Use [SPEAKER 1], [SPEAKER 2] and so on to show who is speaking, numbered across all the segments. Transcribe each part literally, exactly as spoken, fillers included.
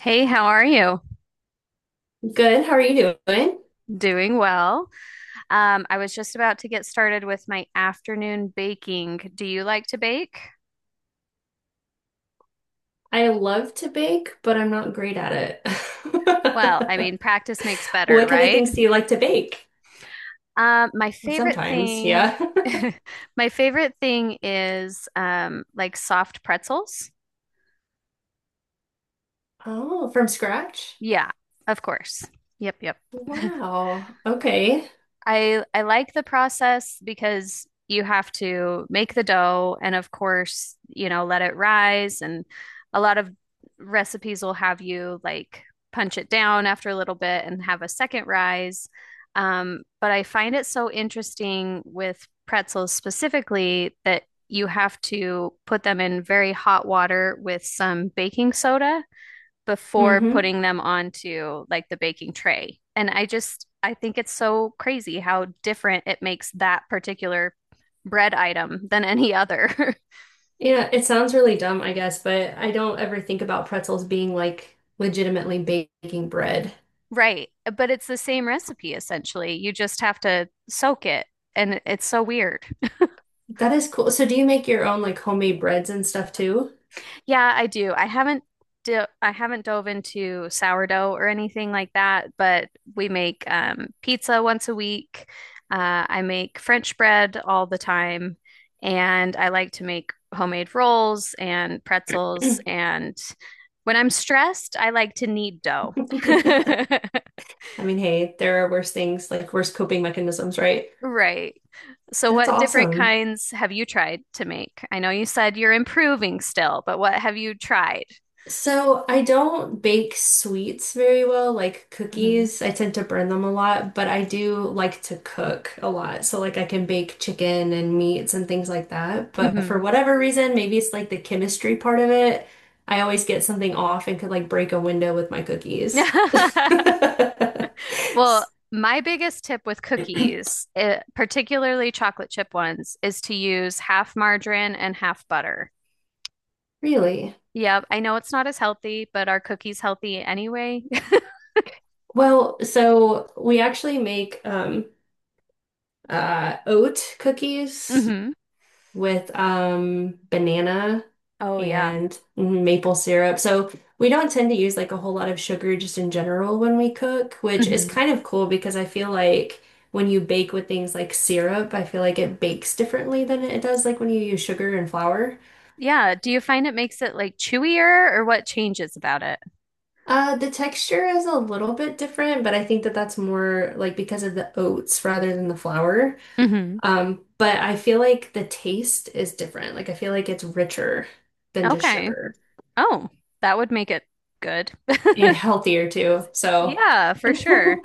[SPEAKER 1] Hey, how are you?
[SPEAKER 2] Good. How are you doing?
[SPEAKER 1] Doing well. Um, I was just about to get started with my afternoon baking. Do you like to bake?
[SPEAKER 2] I love to bake, but I'm not great at it.
[SPEAKER 1] Well, I mean, practice makes better,
[SPEAKER 2] What kind of
[SPEAKER 1] right?
[SPEAKER 2] things do you like to bake?
[SPEAKER 1] Um, my favorite
[SPEAKER 2] Sometimes,
[SPEAKER 1] thing,
[SPEAKER 2] yeah.
[SPEAKER 1] my favorite thing is um, like soft pretzels.
[SPEAKER 2] Oh, from scratch?
[SPEAKER 1] Yeah, of course. Yep, yep.
[SPEAKER 2] Wow. Okay.
[SPEAKER 1] I I like the process because you have to make the dough and of course, you know, let it rise and a lot of recipes will have you like punch it down after a little bit and have a second rise. Um, but I find it so interesting with pretzels specifically that you have to put them in very hot water with some baking soda before
[SPEAKER 2] Mm-hmm.
[SPEAKER 1] putting them onto like the baking tray. And I just, I think it's so crazy how different it makes that particular bread item than any other.
[SPEAKER 2] Yeah, it sounds really dumb, I guess, but I don't ever think about pretzels being like legitimately baking bread.
[SPEAKER 1] Right. But it's the same recipe essentially. You just have to soak it. And it's so weird.
[SPEAKER 2] That is cool. So do you make your own like homemade breads and stuff too?
[SPEAKER 1] Yeah, I do. I haven't do I haven't dove into sourdough or anything like that, but we make um, pizza once a week. Uh, I make French bread all the time, and I like to make homemade rolls and
[SPEAKER 2] I
[SPEAKER 1] pretzels. And when I'm stressed, I like to knead dough.
[SPEAKER 2] mean, hey, there are worse things, like worse coping mechanisms, right?
[SPEAKER 1] Right. So,
[SPEAKER 2] That's
[SPEAKER 1] what different
[SPEAKER 2] awesome.
[SPEAKER 1] kinds have you tried to make? I know you said you're improving still, but what have you tried?
[SPEAKER 2] So I don't bake sweets very well, like
[SPEAKER 1] Mhm.
[SPEAKER 2] cookies. I tend to burn them a lot, but I do like to cook a lot. So like I can bake chicken and meats and things like that. But for
[SPEAKER 1] Hmm.
[SPEAKER 2] whatever reason, maybe it's like the chemistry part of it. I always get something off and could like break a window with my cookies.
[SPEAKER 1] Well, my biggest tip with cookies, eh, particularly chocolate chip ones, is to use half margarine and half butter.
[SPEAKER 2] Really?
[SPEAKER 1] Yeah, I know it's not as healthy, but are cookies healthy anyway?
[SPEAKER 2] Well, so we actually make um uh oat cookies
[SPEAKER 1] Hmm.
[SPEAKER 2] with um banana
[SPEAKER 1] Oh, yeah.
[SPEAKER 2] and maple syrup. So we don't tend to use like a whole lot of sugar just in general when we cook, which is
[SPEAKER 1] Hmm.
[SPEAKER 2] kind of cool because I feel like when you bake with things like syrup, I feel like it bakes differently than it does like when you use sugar and flour.
[SPEAKER 1] Yeah. Do you find it makes it like chewier or what changes about it?
[SPEAKER 2] Uh, the texture is a little bit different, but I think that that's more like because of the oats rather than the flour.
[SPEAKER 1] Hmm.
[SPEAKER 2] Um, but I feel like the taste is different. Like I feel like it's richer than just
[SPEAKER 1] Okay.
[SPEAKER 2] sugar.
[SPEAKER 1] Oh, that would make it good.
[SPEAKER 2] And healthier too. So,
[SPEAKER 1] Yeah, for sure.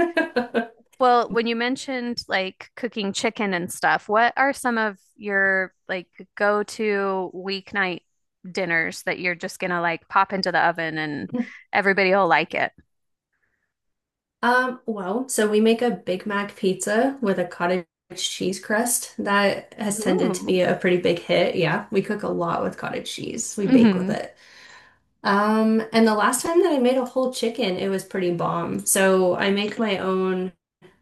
[SPEAKER 1] Well, when you mentioned like cooking chicken and stuff, what are some of your like go-to weeknight dinners that you're just gonna like pop into the oven and everybody will like it?
[SPEAKER 2] um, well, so we make a Big Mac pizza with a cottage cheese crust that has tended to
[SPEAKER 1] Ooh.
[SPEAKER 2] be a pretty big hit. Yeah, we cook a lot with cottage cheese. We bake with
[SPEAKER 1] Hmm.
[SPEAKER 2] it. Um, and the last time that I made a whole chicken, it was pretty bomb. So I make my own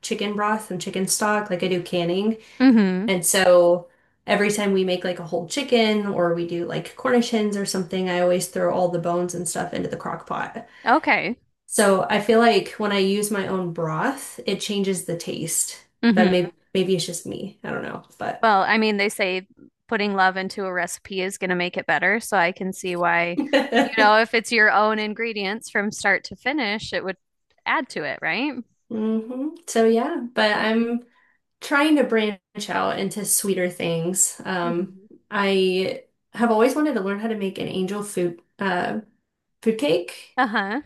[SPEAKER 2] chicken broth and chicken stock, like I do canning.
[SPEAKER 1] Hmm.
[SPEAKER 2] And so every time we make like a whole chicken or we do like Cornish hens or something, I always throw all the bones and stuff into the crock pot.
[SPEAKER 1] Okay.
[SPEAKER 2] So I feel like when I use my own broth, it changes the taste. But
[SPEAKER 1] Hmm.
[SPEAKER 2] maybe maybe it's just me. I don't know. But
[SPEAKER 1] Well, I mean, they say putting love into a recipe is gonna make it better, so I can see why, you know, if it's your own ingredients from start to finish, it would add to it, right?
[SPEAKER 2] hmm. So yeah, but I'm trying to branch out into sweeter things. Um,
[SPEAKER 1] Mhm.
[SPEAKER 2] I have always wanted to learn how to make an angel food uh food cake,
[SPEAKER 1] Uh-huh.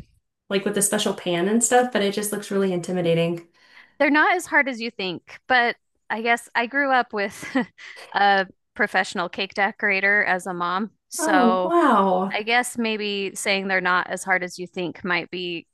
[SPEAKER 2] like with a special pan and stuff, but it just looks really intimidating.
[SPEAKER 1] They're not as hard as you think, but I guess I grew up with a professional cake decorator as a mom.
[SPEAKER 2] Oh,
[SPEAKER 1] So
[SPEAKER 2] wow.
[SPEAKER 1] I guess maybe saying they're not as hard as you think might be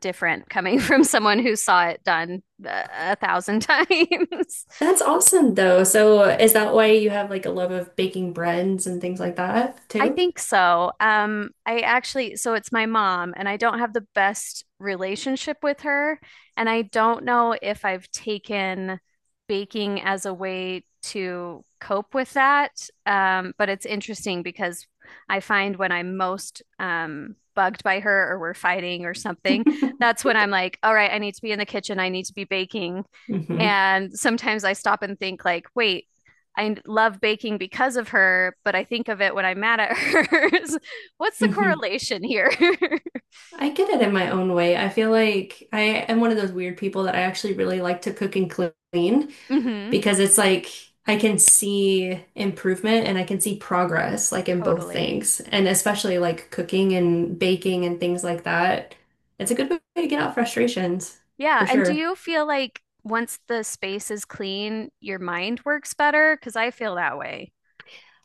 [SPEAKER 1] different coming from someone who saw it done uh, a thousand times.
[SPEAKER 2] That's awesome though. So is that why you have like a love of baking breads and things like that
[SPEAKER 1] I
[SPEAKER 2] too?
[SPEAKER 1] think so. Um, I actually, so it's my mom, and I don't have the best relationship with her. And I don't know if I've taken baking as a way to cope with that. Um, but it's interesting because I find when I'm most um, bugged by her or we're fighting or something, that's when I'm like, all right, I need to be in the kitchen. I need to be baking.
[SPEAKER 2] hmm
[SPEAKER 1] And sometimes I stop and think like, wait, I love baking because of her, but I think of it when I'm mad at her. What's the
[SPEAKER 2] hmm.
[SPEAKER 1] correlation here?
[SPEAKER 2] I get it in my own way. I feel like I am one of those weird people that I actually really like to cook and clean
[SPEAKER 1] Hmm.
[SPEAKER 2] because it's like I can see improvement and I can see progress like in both
[SPEAKER 1] Totally.
[SPEAKER 2] things. And especially like cooking and baking and things like that. It's a good way to get out frustrations
[SPEAKER 1] Yeah.
[SPEAKER 2] for
[SPEAKER 1] And do
[SPEAKER 2] sure.
[SPEAKER 1] you feel like once the space is clean, your mind works better? Because I feel that way.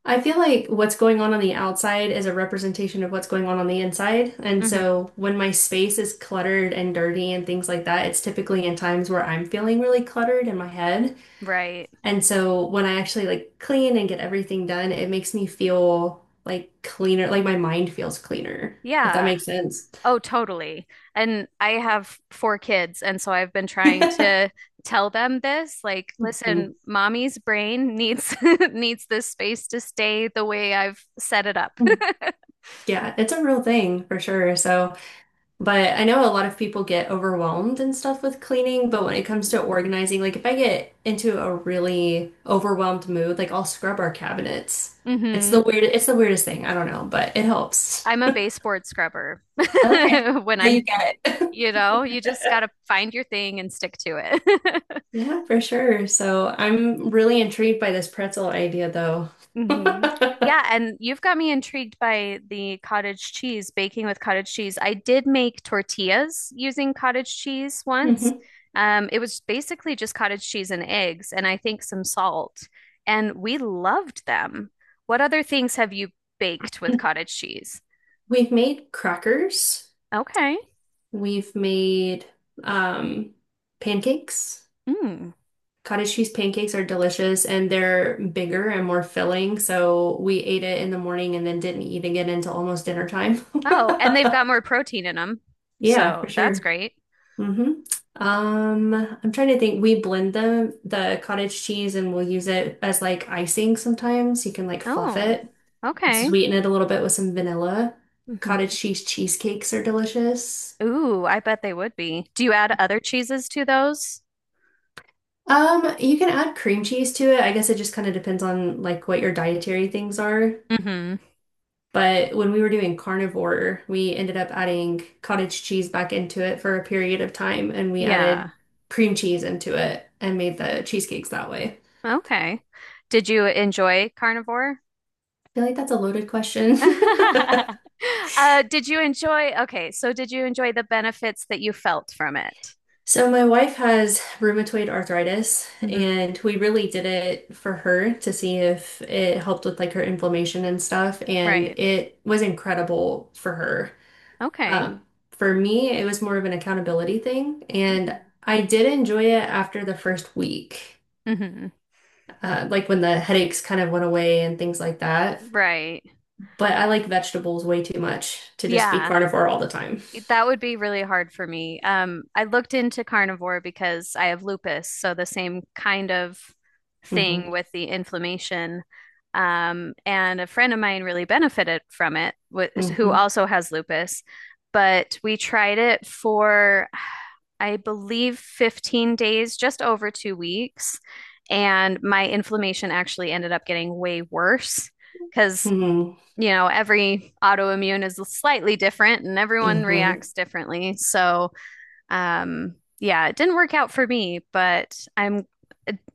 [SPEAKER 2] I feel like what's going on on the outside is a representation of what's going on on the inside. And
[SPEAKER 1] Hmm.
[SPEAKER 2] so when my space is cluttered and dirty and things like that, it's typically in times where I'm feeling really cluttered in my head.
[SPEAKER 1] Right.
[SPEAKER 2] And so when I actually like clean and get everything done, it makes me feel like cleaner, like my mind feels cleaner, if that
[SPEAKER 1] Yeah.
[SPEAKER 2] makes sense.
[SPEAKER 1] Oh, totally. And I have four kids, and so I've been trying to tell them this, like, listen, mommy's brain needs needs this space to stay the way I've set it up.
[SPEAKER 2] Mhm. Yeah, it's a real thing for sure. So but I know a lot of people get overwhelmed and stuff with cleaning, but when it comes to
[SPEAKER 1] Hmm.
[SPEAKER 2] organizing, like if I get into a really overwhelmed mood, like I'll scrub our cabinets. It's
[SPEAKER 1] Hmm.
[SPEAKER 2] the weird, it's the weirdest thing. I don't know, but it helps.
[SPEAKER 1] I'm a baseboard scrubber
[SPEAKER 2] Okay,
[SPEAKER 1] when
[SPEAKER 2] so
[SPEAKER 1] I'm,
[SPEAKER 2] you get it.
[SPEAKER 1] you know, you just gotta find your thing and stick to it.
[SPEAKER 2] Yeah, for sure. So I'm really intrigued by this pretzel idea though.
[SPEAKER 1] Hmm. Yeah, and you've got me intrigued by the cottage cheese, baking with cottage cheese. I did make tortillas using cottage cheese once.
[SPEAKER 2] Mhm.
[SPEAKER 1] Um, it was basically just cottage cheese and eggs, and I think some salt, and we loved them. What other things have you baked with cottage cheese?
[SPEAKER 2] We've made crackers.
[SPEAKER 1] Okay.
[SPEAKER 2] We've made um pancakes.
[SPEAKER 1] Mm.
[SPEAKER 2] Cottage cheese pancakes are delicious and they're bigger and more filling, so we ate it in the morning and then didn't eat again until almost dinner time.
[SPEAKER 1] Oh, and they've got more protein in them,
[SPEAKER 2] Yeah,
[SPEAKER 1] so
[SPEAKER 2] for
[SPEAKER 1] that's
[SPEAKER 2] sure.
[SPEAKER 1] great.
[SPEAKER 2] Hmm. Um, I'm trying to think. We blend them, the cottage cheese, and we'll use it as like icing sometimes. You can like fluff
[SPEAKER 1] Oh,
[SPEAKER 2] it and
[SPEAKER 1] okay.
[SPEAKER 2] sweeten it a little bit with some vanilla.
[SPEAKER 1] Hmm.
[SPEAKER 2] Cottage cheese cheesecakes are delicious.
[SPEAKER 1] Ooh, I bet they would be. Do you add other cheeses to those?
[SPEAKER 2] Um, you can add cream cheese to it. I guess it just kind of depends on like what your dietary things are.
[SPEAKER 1] Hmm.
[SPEAKER 2] But when we were doing carnivore, we ended up adding cottage cheese back into it for a period of time, and we added
[SPEAKER 1] Yeah.
[SPEAKER 2] cream cheese into it and made the cheesecakes that way.
[SPEAKER 1] Okay. Did you enjoy carnivore?
[SPEAKER 2] I feel like that's a loaded question.
[SPEAKER 1] Uh, did you enjoy? Okay, so did you enjoy the benefits that you felt from it?
[SPEAKER 2] So my wife has rheumatoid arthritis,
[SPEAKER 1] Hmm.
[SPEAKER 2] and we really did it for her to see if it helped with like her inflammation and stuff, and
[SPEAKER 1] Right.
[SPEAKER 2] it was incredible for her.
[SPEAKER 1] Okay.
[SPEAKER 2] Um, for me, it was more of an accountability thing, and
[SPEAKER 1] Hmm.
[SPEAKER 2] I did enjoy it after the first week,
[SPEAKER 1] Hmm.
[SPEAKER 2] uh, like when the headaches kind of went away and things like that.
[SPEAKER 1] Right.
[SPEAKER 2] But I like vegetables way too much to just be
[SPEAKER 1] Yeah.
[SPEAKER 2] carnivore all the time.
[SPEAKER 1] That would be really hard for me. Um, I looked into carnivore because I have lupus, so the same kind of
[SPEAKER 2] Hmm.
[SPEAKER 1] thing with the inflammation. Um, and a friend of mine really benefited from it, wh- who
[SPEAKER 2] Hmm.
[SPEAKER 1] also has lupus. But we tried it for, I believe, fifteen days, just over two weeks. And my inflammation actually ended up getting way worse because
[SPEAKER 2] Hmm.
[SPEAKER 1] you know, every autoimmune is slightly different and everyone
[SPEAKER 2] Hmm.
[SPEAKER 1] reacts differently. So, um, yeah, it didn't work out for me, but I'm,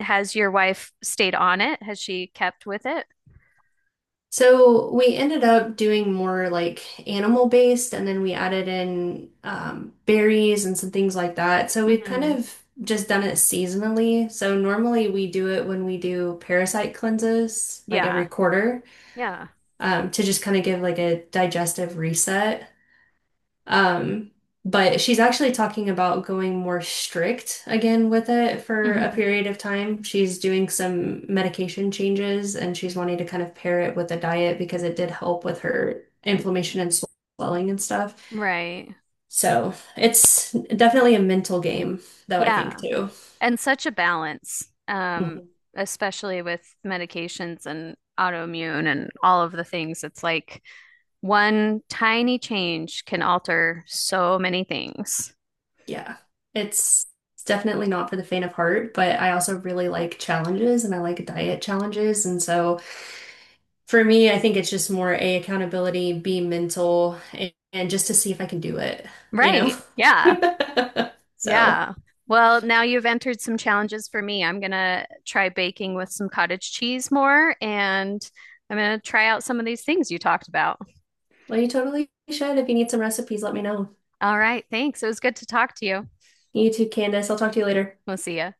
[SPEAKER 1] Has your wife stayed on it? Has she kept with it?
[SPEAKER 2] So we ended up doing more like animal based, and then we added in um, berries and some things like that. So we've kind
[SPEAKER 1] Hmm.
[SPEAKER 2] of just done it seasonally. So normally we do it when we do parasite cleanses, like
[SPEAKER 1] Yeah.
[SPEAKER 2] every quarter,
[SPEAKER 1] Yeah.
[SPEAKER 2] um, to just kind of give like a digestive reset. Um, but she's actually talking about going more strict again with it for a
[SPEAKER 1] Hmm.
[SPEAKER 2] period of time. She's doing some medication changes and she's wanting to kind of pair it with a diet because it did help with her inflammation and swelling and stuff.
[SPEAKER 1] Right.
[SPEAKER 2] So it's definitely a mental game, though, I think
[SPEAKER 1] Yeah.
[SPEAKER 2] too.
[SPEAKER 1] And such a balance, um,
[SPEAKER 2] Mhm.
[SPEAKER 1] especially with medications and autoimmune and all of the things. It's like, one tiny change can alter so many things.
[SPEAKER 2] Yeah. It's it's definitely not for the faint of heart, but I also really like challenges and I like diet challenges. And so for me, I think it's just more A, accountability, B, mental, and, and just to see if I can do it, you
[SPEAKER 1] Right.
[SPEAKER 2] know?
[SPEAKER 1] Yeah.
[SPEAKER 2] So,
[SPEAKER 1] Yeah. Well, now you've entered some challenges for me. I'm gonna try baking with some cottage cheese more, and I'm gonna try out some of these things you talked about.
[SPEAKER 2] well, you totally should. If you need some recipes, let me know.
[SPEAKER 1] All right. Thanks. It was good to talk to you.
[SPEAKER 2] You too, Candace. I'll talk to you later.
[SPEAKER 1] We'll see ya.